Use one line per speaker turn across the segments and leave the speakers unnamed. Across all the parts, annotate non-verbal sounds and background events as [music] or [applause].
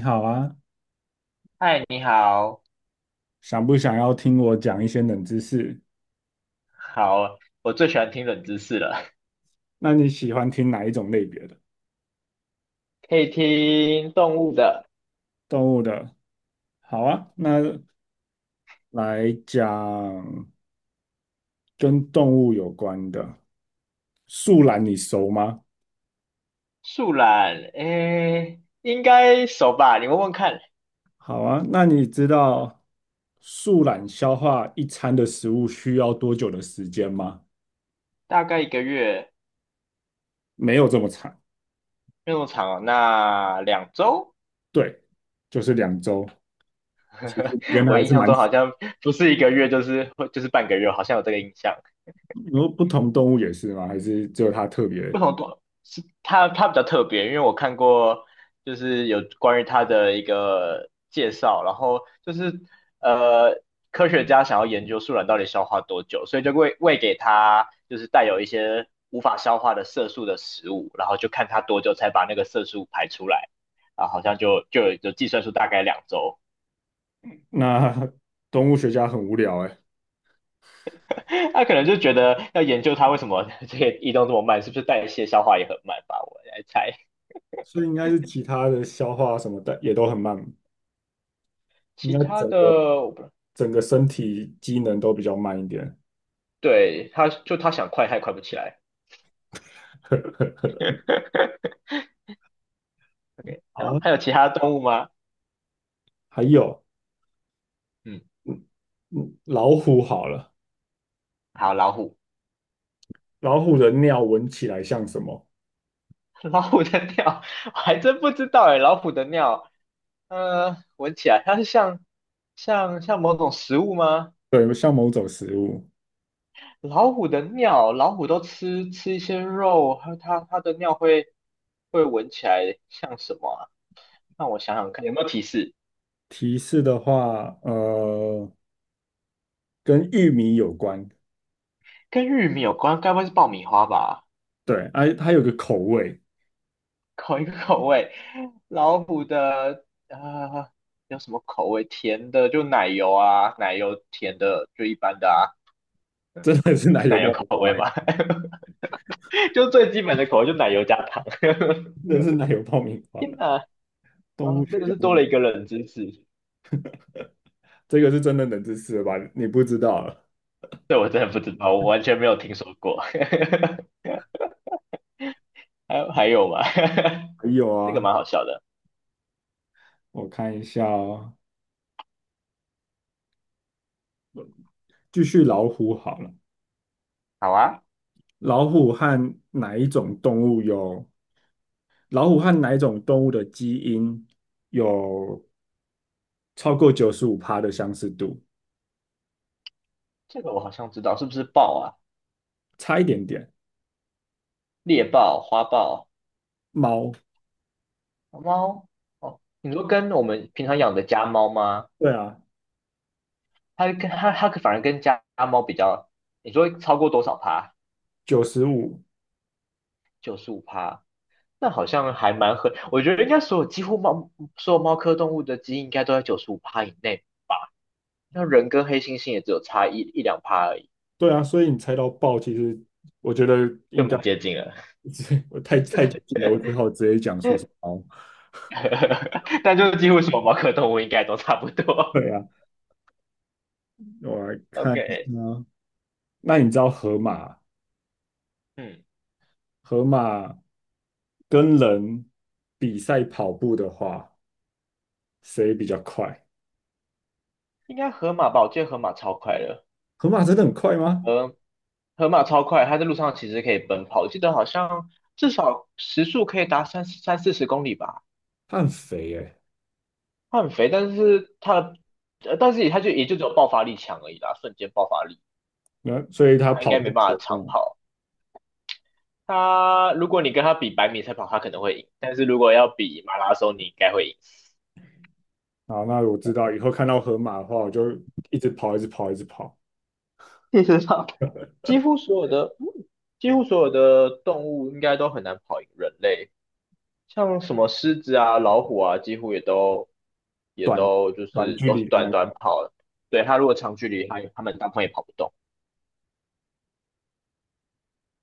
你好啊，
嗨，你好，
想不想要听我讲一些冷知识？
好，我最喜欢听冷知识了。
那你喜欢听哪一种类别的？
[laughs] 可以听动物的，
动物的？好啊，那来讲跟动物有关的。树懒你熟吗？
树懒，诶，应该熟吧？你问问看，
好啊，那你知道树懒消化一餐的食物需要多久的时间吗？
大概一个月，
没有这么长，
没有那么长哦，那两周？
对，就是2周。其实你跟
[laughs]
它
我
还
印
是
象
蛮，
中好像不是1个月，就是半个月，好像有这个印象。
你说不同动物也是吗？还是只有它特别？
为什么短？是他？他比较特别，因为我看过就是有关于他的一个介绍，然后就是呃科学家想要研究树懒到底消化多久，所以就喂给他，就是带有一些无法消化的色素的食物，然后就看他多久才把那个色素排出来，啊，好像就计算出大概两周，
那 [laughs] 动物学家很无聊哎，
[laughs] 他可能就觉得要研究它为什么 [laughs] 这个移动这么慢，是不是代谢消化也很慢吧？我来猜。
所以应该是其他的消化什么的也都很慢，应
其
该
他
整
的
个整个身体机能都比较慢一点。
对，它想快，它也快不起来。
[laughs]
[laughs] OK，然
好
后
啊，
还有其他动物吗？
还有，
嗯，
嗯老虎好了，
好，老虎，
老虎的尿闻起来像什么？
[laughs] 老虎的尿，[laughs] 我还真不知道哎，老虎的尿，闻起来它是像像某种食物吗？
对，像某种食物。
老虎的尿，老虎都吃一些肉，它的尿会闻起来像什么啊？让我想想看，有没有提示？
提示的话，跟玉米有关。
跟玉米有关，该不会是爆米花吧？
对，哎、它有个口味，
[laughs] 口一个口味，老虎的有什么口味？甜的就奶油啊，奶油甜的就一般的啊，
真的是奶油爆米花欸，
[laughs] 就最基本的口味就奶油加糖。[laughs]
真的是奶油爆米花。
天哪，
动
啊，
物
真
学
的
家
是
真
多了
的，
一个冷知识，
这个是真的冷知识了吧？你不知道啊。
这我真的不知道，我完全没有听说过。[laughs] 还有还有吗？[laughs]
还有
这个
啊，
蛮好笑的。
我看一下哦，继续老虎好了。
好啊，
老虎和哪一种动物有？老虎和哪一种动物的基因有超过95%的相似度？
这个我好像知道，是不是豹啊？
差一点点。
猎豹、花豹、
猫，
猫？哦，你说跟我们平常养的家猫吗？
对啊，
它反而跟家猫比较，你说超过多少趴？
九十五，
九十五趴，那好像还蛮合。我觉得应该所有猫科动物的基因应该都在九十五趴以内，那人跟黑猩猩也只有差一两趴而已，
对啊，所以你猜到豹，其实我觉得
就
应该
蛮接近了。
[laughs] 我太接近了，我只好直接讲出是猫。
[laughs] 但就是几乎所有猫科动物应该都差不多。
对啊，我来
[laughs]
看一下
OK，
哦。那你知道河马？
嗯，
河马跟人比赛跑步的话，谁比较快？
应该河马吧？我记得河马超快的，
河马真的很快吗？
河河马超快，它在路上其实可以奔跑，我记得好像至少时速可以达三四十公里吧。
它很肥诶、
他很肥，但是他，但是也就只有爆发力强而已啦，瞬间爆发力，
那所以它
他应
跑
该
步
没办
怎
法
么
长
样？
跑。他如果你跟他比百米赛跑，他可能会赢，但是如果要比马拉松，你应该会赢。
好，那我知道以后看到河马的话，我就一直跑，一直跑，一直跑，
事实上，[laughs] 几乎所有的几乎所有的动物应该都很难跑赢人类，像什么狮子啊、老虎啊，几乎也都也
短
都就
短
是
距
都是
离的
短
那
短
种。
跑的。对，他如果长距离，他们大部分也跑不动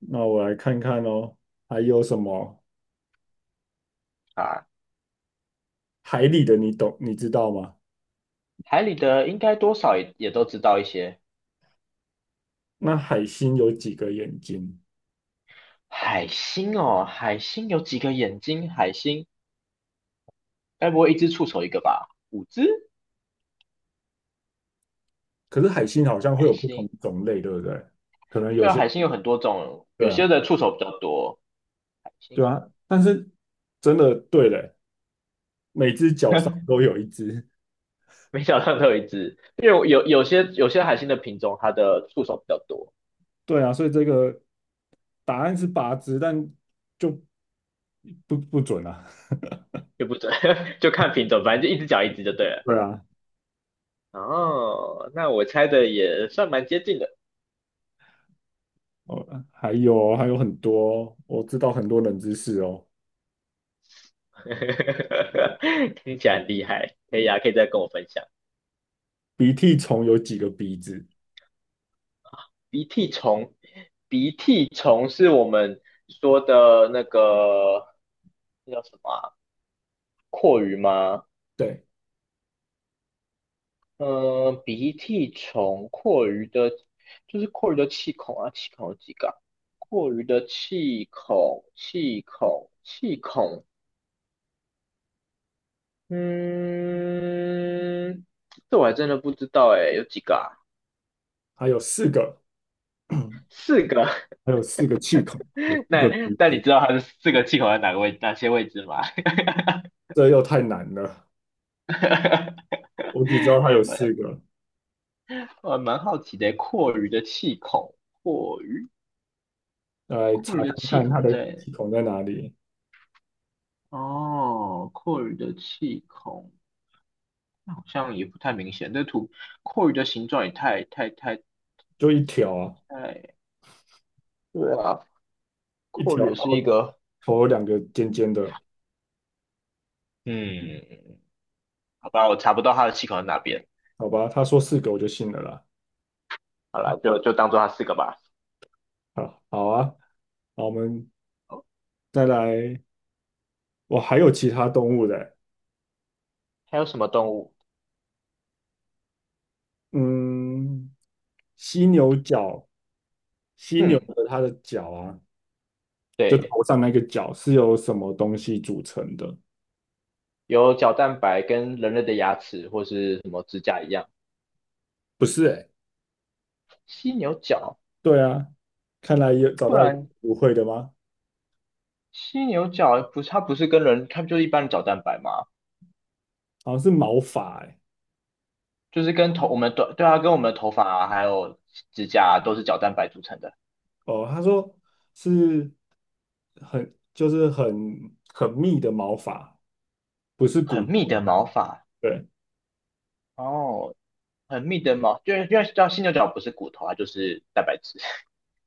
那我来看看哦，还有什么
啊。
海里的你知道吗？
海里的应该多少也都知道一些。
那海星有几个眼睛？
海星哦，海星有几个眼睛？海星该不会一只触手一个吧？五只？
可是海星好像会
海
有不同
星？
种类，对不对？可能
对
有
啊，
些
海星有很多种，
对
有
啊，
些的触手比较多。海星
对啊，但是真的对嘞，每只脚上
[laughs]
都有一只。
没想到都有一只，因为有些海星的品种，它的触手比较多，
对啊，所以这个答案是8只，但就不准啊。
也不准，[laughs] 就看品种，反正就一只脚一只就对了。
对啊，
哦，那我猜的也算蛮接近的，
哦，还有哦还有很多哦，我知道很多冷知识哦。
[laughs] 听起来很厉害，可以啊，可以再跟我分享。
鼻涕虫有几个鼻子？
鼻涕虫，鼻涕虫是我们说的那个，那叫什么啊？蛞蝓吗？
对，
嗯、鼻涕虫，蛞蝓的，就是蛞蝓的气孔啊，气孔有几个啊？蛞蝓的气孔，嗯，这我还真的不知道哎，有几个啊？
还有四个，
四个。
还有四个气孔，有四
[laughs] 那
个鼻
那你
子，
知道它的四个气孔在哪些位置吗？
这又太难了。我只知道它有
[laughs]
四个，
呃，蛮好奇的，阔鱼的气孔，阔鱼，
来查
阔鱼的
看
气
看它
孔
的
在，
气孔在哪里，
哦，阔鱼的气孔，那好像也不太明显。这图，阔鱼的形状也太太太
就一条啊，
太，对啊，
一
阔
条。
鱼也是一个，
头有两个尖尖的，
嗯，好吧，我查不到它的气孔在哪边。
好吧？他说四个我就信了啦。
好了，就当做它四个吧。
好好啊，好，我们
哦
再来，我还有其他动物的，
还有什么动物？
嗯，犀牛角，犀牛
嗯，
的它的角啊，就
对，
头上那个角是由什么东西组成的？
有角蛋白跟人类的牙齿或是什么指甲一样，
不是欸，
犀牛角，
对啊，看来有找
不
到一个
然
不会的吗？
犀牛角不是它不是跟人，它不就是一般的角蛋白嘛，
好像是毛发欸，
就是我们的对啊，跟我们的头发啊，还有指甲啊，都是角蛋白组成的，
哦，他说是很就是很很密的毛发，不是骨
很密
头，
的毛发
对
哦，很密的毛，就是因为叫犀牛角不是骨头啊，就是蛋白质，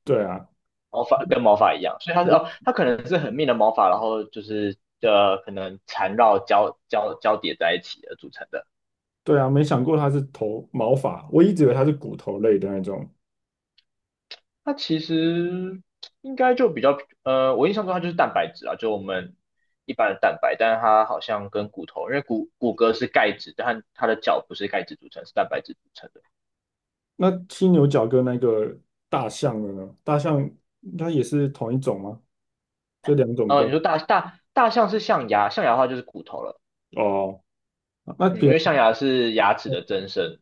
对啊。
[laughs] 毛发跟毛发一样，所以它是哦，它可能是很密的毛发，然后就是可能缠绕交叠在一起而组成的。
对啊，没想过它是头毛发，我一直以为它是骨头类的那种。
它其实应该就比较，我印象中它就是蛋白质啊，就我们一般的蛋白，但是它好像跟骨头，因为骼是钙质，但它的脚不是钙质组成，是蛋白质组成的。
那犀牛角跟那个大象的呢？大象它也是同一种吗？这两种动
你
物
说大象是象牙，象牙的话就是骨头了，
哦，那
嗯，
别
因为
人
象牙是牙齿的增生，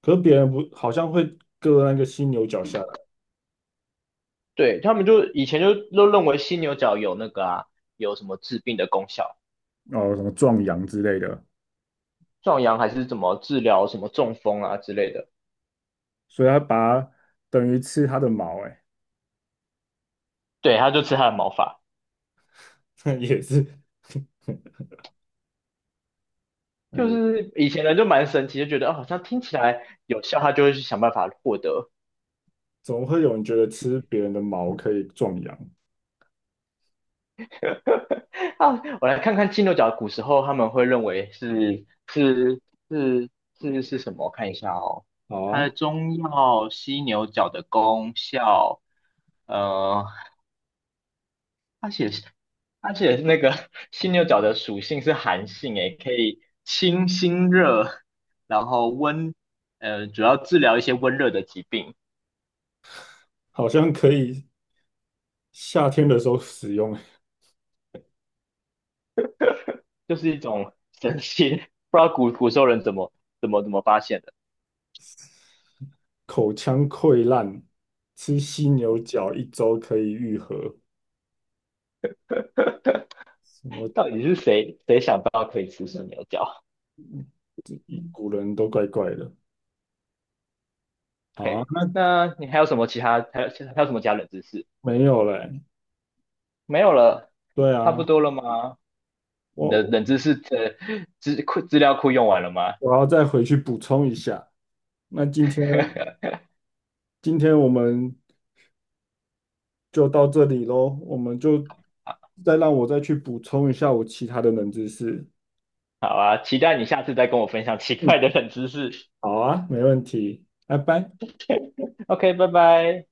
可是别人不好像会割那个犀牛角下来，
对，他们就以前就都认为犀牛角有那个啊，有什么治病的功效，
哦，什么壮阳之类的，
壮阳还是怎么治疗什么中风啊之类的，
所以它把它等于吃它的毛、欸
对，他就吃它的毛发。
哎，[laughs] 也是，
就
嗯，
是以前人就蛮神奇，就觉得哦，好像听起来有效，他就会去想办法获得。
总会有人觉得吃别人的毛可以壮阳？
啊，我来看看犀牛角古时候他们会认为是是什么？我看一下哦，
好
它的
啊，
中药犀牛角的功效，呃，而它写它写那个 [laughs] 犀牛角的属性是寒性，诶，可以清心热，然后温，主要治疗一些温热的疾病。
好像可以夏天的时候使用。
就是一种神奇，[laughs] 不知道时候人怎么发现的，
口腔溃烂，吃犀牛角1周可以愈合。我
到底是谁想到可以吃生牛角嗯
古人都怪怪的。好啊，
？OK，
那
那你还有什么其他冷知识？
没有嘞。
没有了，
对
差不
啊，
多了吗？你的
我
冷知识的资料库用完了吗？
我要再回去补充一下。那今天
[laughs]
今天我们就到这里喽，我们就再让我再去补充一下我其他的冷知识。
好啊，期待你下次再跟我分享奇
嗯，
怪的冷知识。
好啊，没问题，拜拜。
OK，拜拜。